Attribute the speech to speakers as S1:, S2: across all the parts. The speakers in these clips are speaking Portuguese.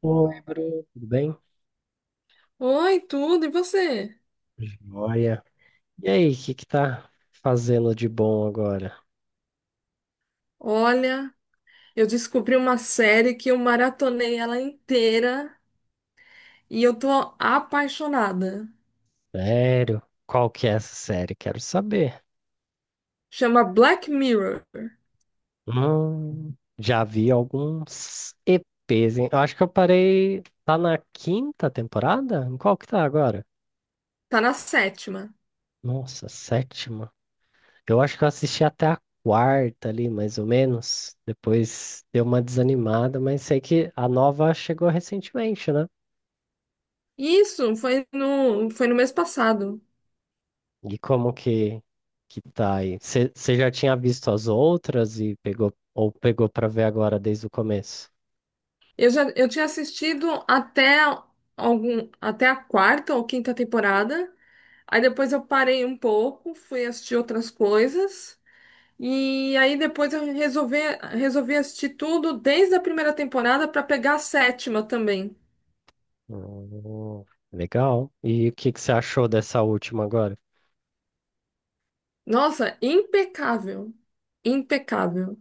S1: Oi, Bruno, tudo bem?
S2: Oi, tudo, e você?
S1: Joia. E aí, o que que tá fazendo de bom agora?
S2: Olha, eu descobri uma série que eu maratonei ela inteira e eu tô apaixonada.
S1: Sério? Qual que é essa série? Quero saber.
S2: Chama Black Mirror.
S1: Hum, já vi alguns EPs, hein? Eu acho que eu parei. Tá na quinta temporada? Em qual que tá agora?
S2: Tá na sétima.
S1: Nossa, sétima. Eu acho que eu assisti até a quarta ali, mais ou menos. Depois deu uma desanimada, mas sei que a nova chegou recentemente, né?
S2: Isso foi no mês passado.
S1: E como que tá aí? Você já tinha visto as outras e pegou ou pegou para ver agora desde o começo?
S2: Eu tinha assistido até algum até a quarta ou quinta temporada. Aí depois eu parei um pouco, fui assistir outras coisas. E aí depois resolvi assistir tudo desde a primeira temporada para pegar a sétima também.
S1: Hum, legal. E o que que você achou dessa última agora?
S2: Nossa, impecável. Impecável.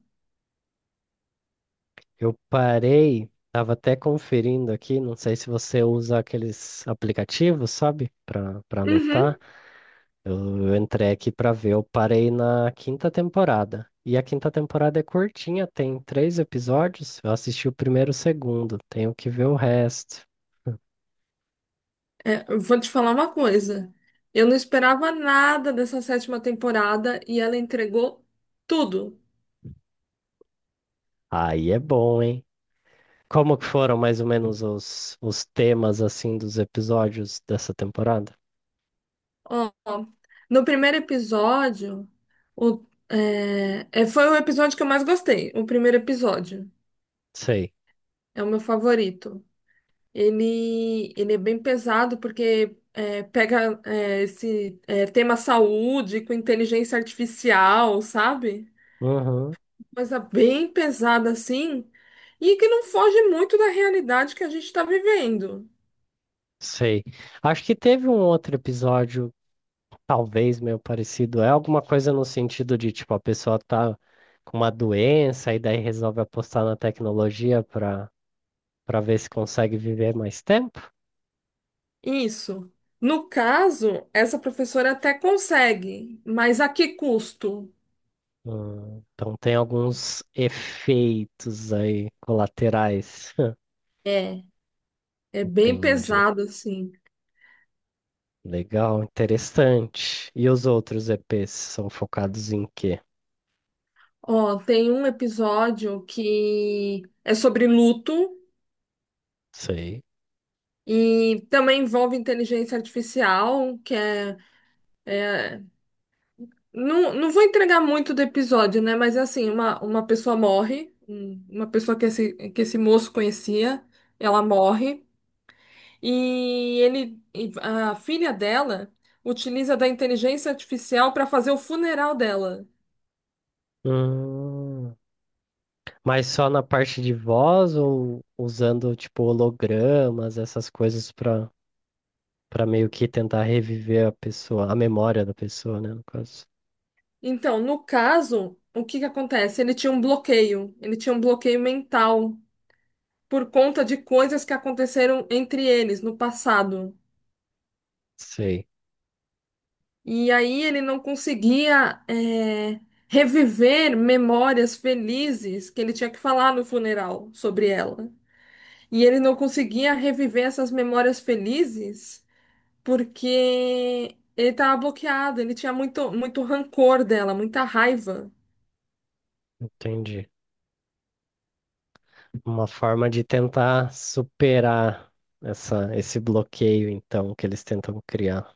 S1: Eu parei, tava até conferindo aqui, não sei se você usa aqueles aplicativos, sabe? Para anotar.
S2: Uhum.
S1: Eu entrei aqui para ver, eu parei na quinta temporada. E a quinta temporada é curtinha, tem três episódios. Eu assisti o primeiro e o segundo, tenho que ver o resto.
S2: É, eu vou te falar uma coisa. Eu não esperava nada dessa sétima temporada e ela entregou tudo.
S1: Aí é bom, hein? Como que foram mais ou menos os temas assim dos episódios dessa temporada?
S2: Ó, no primeiro episódio, foi o episódio que eu mais gostei. O primeiro episódio
S1: Sei.
S2: é o meu favorito. Ele é bem pesado porque pega tema saúde com inteligência artificial, sabe?
S1: Uhum,
S2: Coisa bem pesada assim, e que não foge muito da realidade que a gente está vivendo.
S1: sei. Acho que teve um outro episódio, talvez meio parecido. É alguma coisa no sentido de, tipo, a pessoa tá com uma doença e daí resolve apostar na tecnologia para ver se consegue viver mais tempo?
S2: Isso. No caso, essa professora até consegue, mas a que custo?
S1: Então tem alguns efeitos aí colaterais.
S2: É, é bem
S1: Entendi.
S2: pesado assim.
S1: Legal, interessante. E os outros EPs são focados em quê?
S2: Ó, tem um episódio que é sobre luto.
S1: Sei.
S2: E também envolve inteligência artificial, é- não, não vou entregar muito do episódio, né? Mas é assim, uma pessoa morre, uma pessoa que esse moço conhecia, ela morre, e a filha dela utiliza da inteligência artificial para fazer o funeral dela.
S1: Hum, mas só na parte de voz ou usando tipo hologramas, essas coisas para meio que tentar reviver a pessoa, a memória da pessoa, né, no caso.
S2: Então, no caso, o que que acontece? Ele tinha um bloqueio, ele tinha um bloqueio mental por conta de coisas que aconteceram entre eles no passado.
S1: Sei,
S2: E aí ele não conseguia é, reviver memórias felizes que ele tinha que falar no funeral sobre ela. E ele não conseguia reviver essas memórias felizes porque ele estava bloqueado, ele tinha muito, muito rancor dela, muita raiva.
S1: entendi. Uma forma de tentar superar essa esse bloqueio então que eles tentam criar.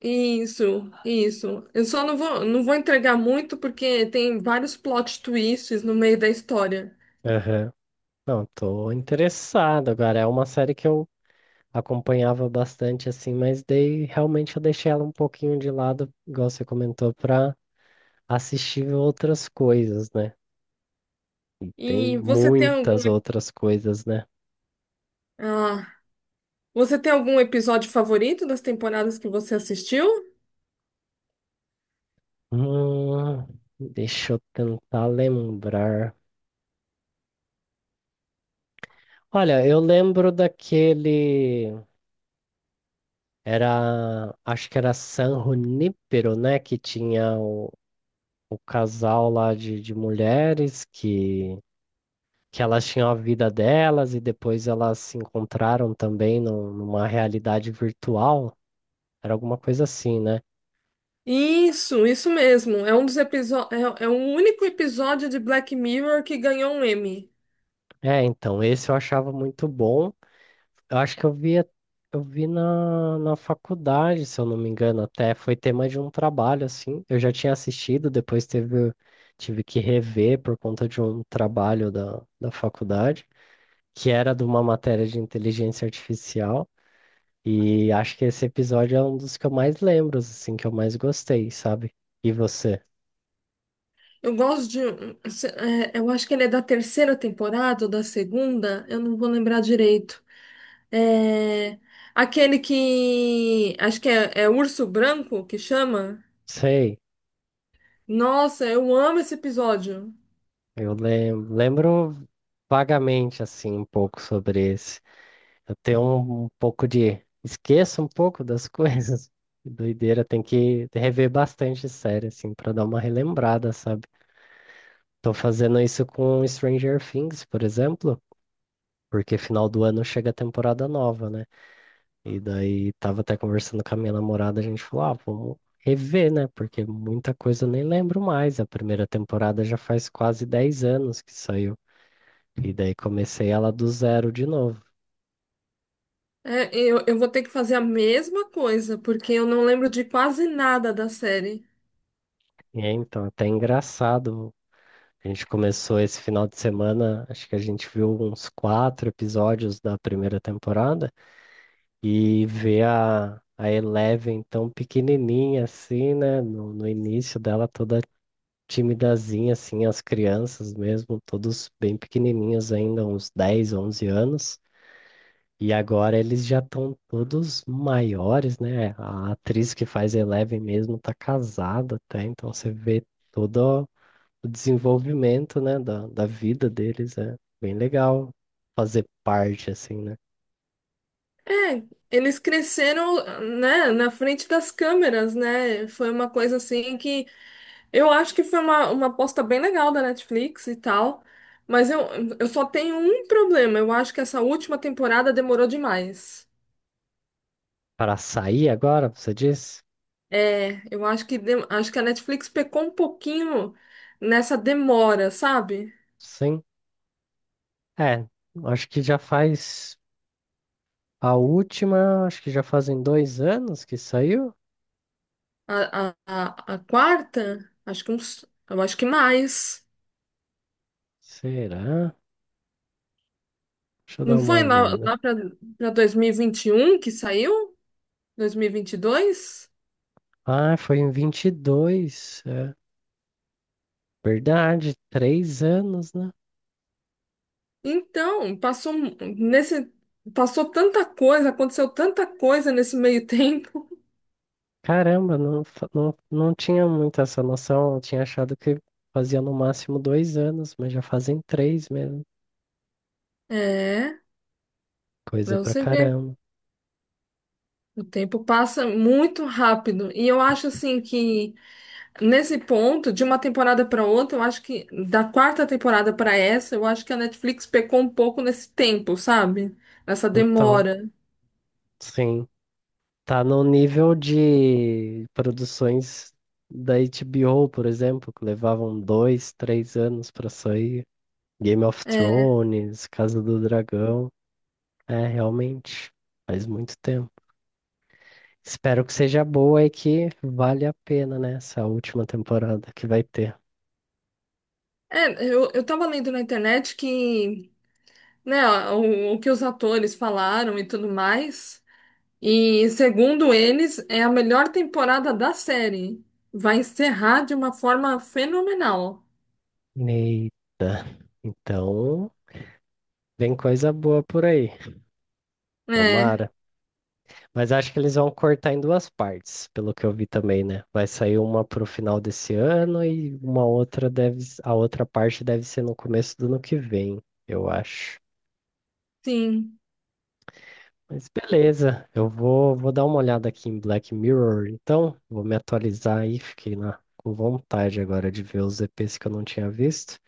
S2: Isso, isso. Eu só não vou entregar muito porque tem vários plot twists no meio da história.
S1: Aham. Não, tô interessado agora. É uma série que eu acompanhava bastante assim, mas daí realmente eu deixei ela um pouquinho de lado, igual você comentou, para assistir outras coisas, né? E tem
S2: E você tem
S1: muitas
S2: algum.
S1: outras coisas, né?
S2: Ah, você tem algum episódio favorito das temporadas que você assistiu?
S1: Hum, deixa eu tentar lembrar. Olha, eu lembro daquele. Era. Acho que era San Junípero, né? Que tinha o casal lá de mulheres que elas tinham a vida delas e depois elas se encontraram também numa realidade virtual. Era alguma coisa assim, né?
S2: Isso mesmo. É um dos episódios, é o único episódio de Black Mirror que ganhou um Emmy.
S1: É, então, esse eu achava muito bom. Eu acho que eu via, eu vi na faculdade, se eu não me engano, até foi tema de um trabalho, assim. Eu já tinha assistido, depois tive que rever por conta de um trabalho da faculdade, que era de uma matéria de inteligência artificial. E acho que esse episódio é um dos que eu mais lembro, assim, que eu mais gostei, sabe? E você?
S2: Eu gosto de, um- se- é, eu acho que ele é da terceira temporada ou da segunda, eu não vou lembrar direito. É aquele que acho que é Urso Branco que chama.
S1: Sei,
S2: Nossa, eu amo esse episódio.
S1: eu lembro vagamente, assim, um pouco sobre esse. Eu tenho um pouco de. Esqueço um pouco das coisas. Doideira, tem que rever bastante série, assim, pra dar uma relembrada, sabe? Tô fazendo isso com Stranger Things, por exemplo, porque final do ano chega a temporada nova, né? E daí tava até conversando com a minha namorada, a gente falou, ah, vamos rever, né? Porque muita coisa eu nem lembro mais. A primeira temporada já faz quase 10 anos que saiu. E daí comecei ela do zero de novo.
S2: É, eu vou ter que fazer a mesma coisa, porque eu não lembro de quase nada da série.
S1: E é, então, até engraçado. A gente começou esse final de semana, acho que a gente viu uns quatro episódios da primeira temporada e ver a Eleven tão pequenininha assim, né? No início dela toda timidazinha, assim, as crianças mesmo, todos bem pequenininhos ainda, uns 10 ou 11 anos. E agora eles já estão todos maiores, né? A atriz que faz Eleven mesmo tá casada até, então você vê todo o desenvolvimento, né, da vida deles. É bem legal fazer parte, assim, né?
S2: É, eles cresceram, né, na frente das câmeras, né? Foi uma coisa assim que eu acho que foi uma aposta bem legal da Netflix e tal. Mas eu, eu só tenho um problema. Eu acho que essa última temporada demorou demais.
S1: Para sair agora, você diz?
S2: É, eu acho acho que a Netflix pecou um pouquinho nessa demora, sabe?
S1: Sim. É, acho que já faz a última, acho que já fazem 2 anos que saiu.
S2: A quarta, eu acho que mais.
S1: Será? Deixa eu dar
S2: Não
S1: uma
S2: foi lá,
S1: olhada.
S2: lá para 2021 que saiu? 2022?
S1: Ah, foi em 22, é verdade, 3 anos, né?
S2: Então, passou mu- nesse passou tanta coisa, aconteceu tanta coisa nesse meio tempo.
S1: Caramba, não tinha muito essa noção. Eu tinha achado que fazia no máximo 2 anos, mas já fazem três mesmo.
S2: É,
S1: Coisa
S2: pra
S1: pra
S2: você ver,
S1: caramba.
S2: o tempo passa muito rápido. E eu acho assim que nesse ponto, de uma temporada para outra, eu acho que da quarta temporada para essa, eu acho que a Netflix pecou um pouco nesse tempo, sabe? Nessa
S1: Total.
S2: demora.
S1: Sim. Tá no nível de produções da HBO, por exemplo, que levavam 2, 3 anos pra sair. Game of
S2: É,
S1: Thrones, Casa do Dragão. É, realmente, faz muito tempo. Espero que seja boa e que vale a pena, né? Essa última temporada que vai ter.
S2: eu tava lendo na internet que, né, o que os atores falaram e tudo mais. E, segundo eles, é a melhor temporada da série. Vai encerrar de uma forma fenomenal.
S1: Eita. Então, vem coisa boa por aí.
S2: É,
S1: Tomara. Mas acho que eles vão cortar em duas partes, pelo que eu vi também, né? Vai sair uma pro final desse ano e uma outra deve, a outra parte deve ser no começo do ano que vem, eu acho.
S2: sim.
S1: Mas beleza, eu vou dar uma olhada aqui em Black Mirror, então vou me atualizar aí, fiquei na, com vontade agora de ver os EPs que eu não tinha visto.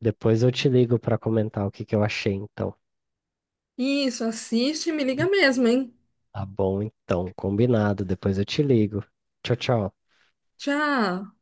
S1: Depois eu te ligo para comentar o que que eu achei, então.
S2: Isso, assiste e me liga mesmo, hein?
S1: Tá bom, então, combinado, depois eu te ligo. Tchau, tchau.
S2: Tchau.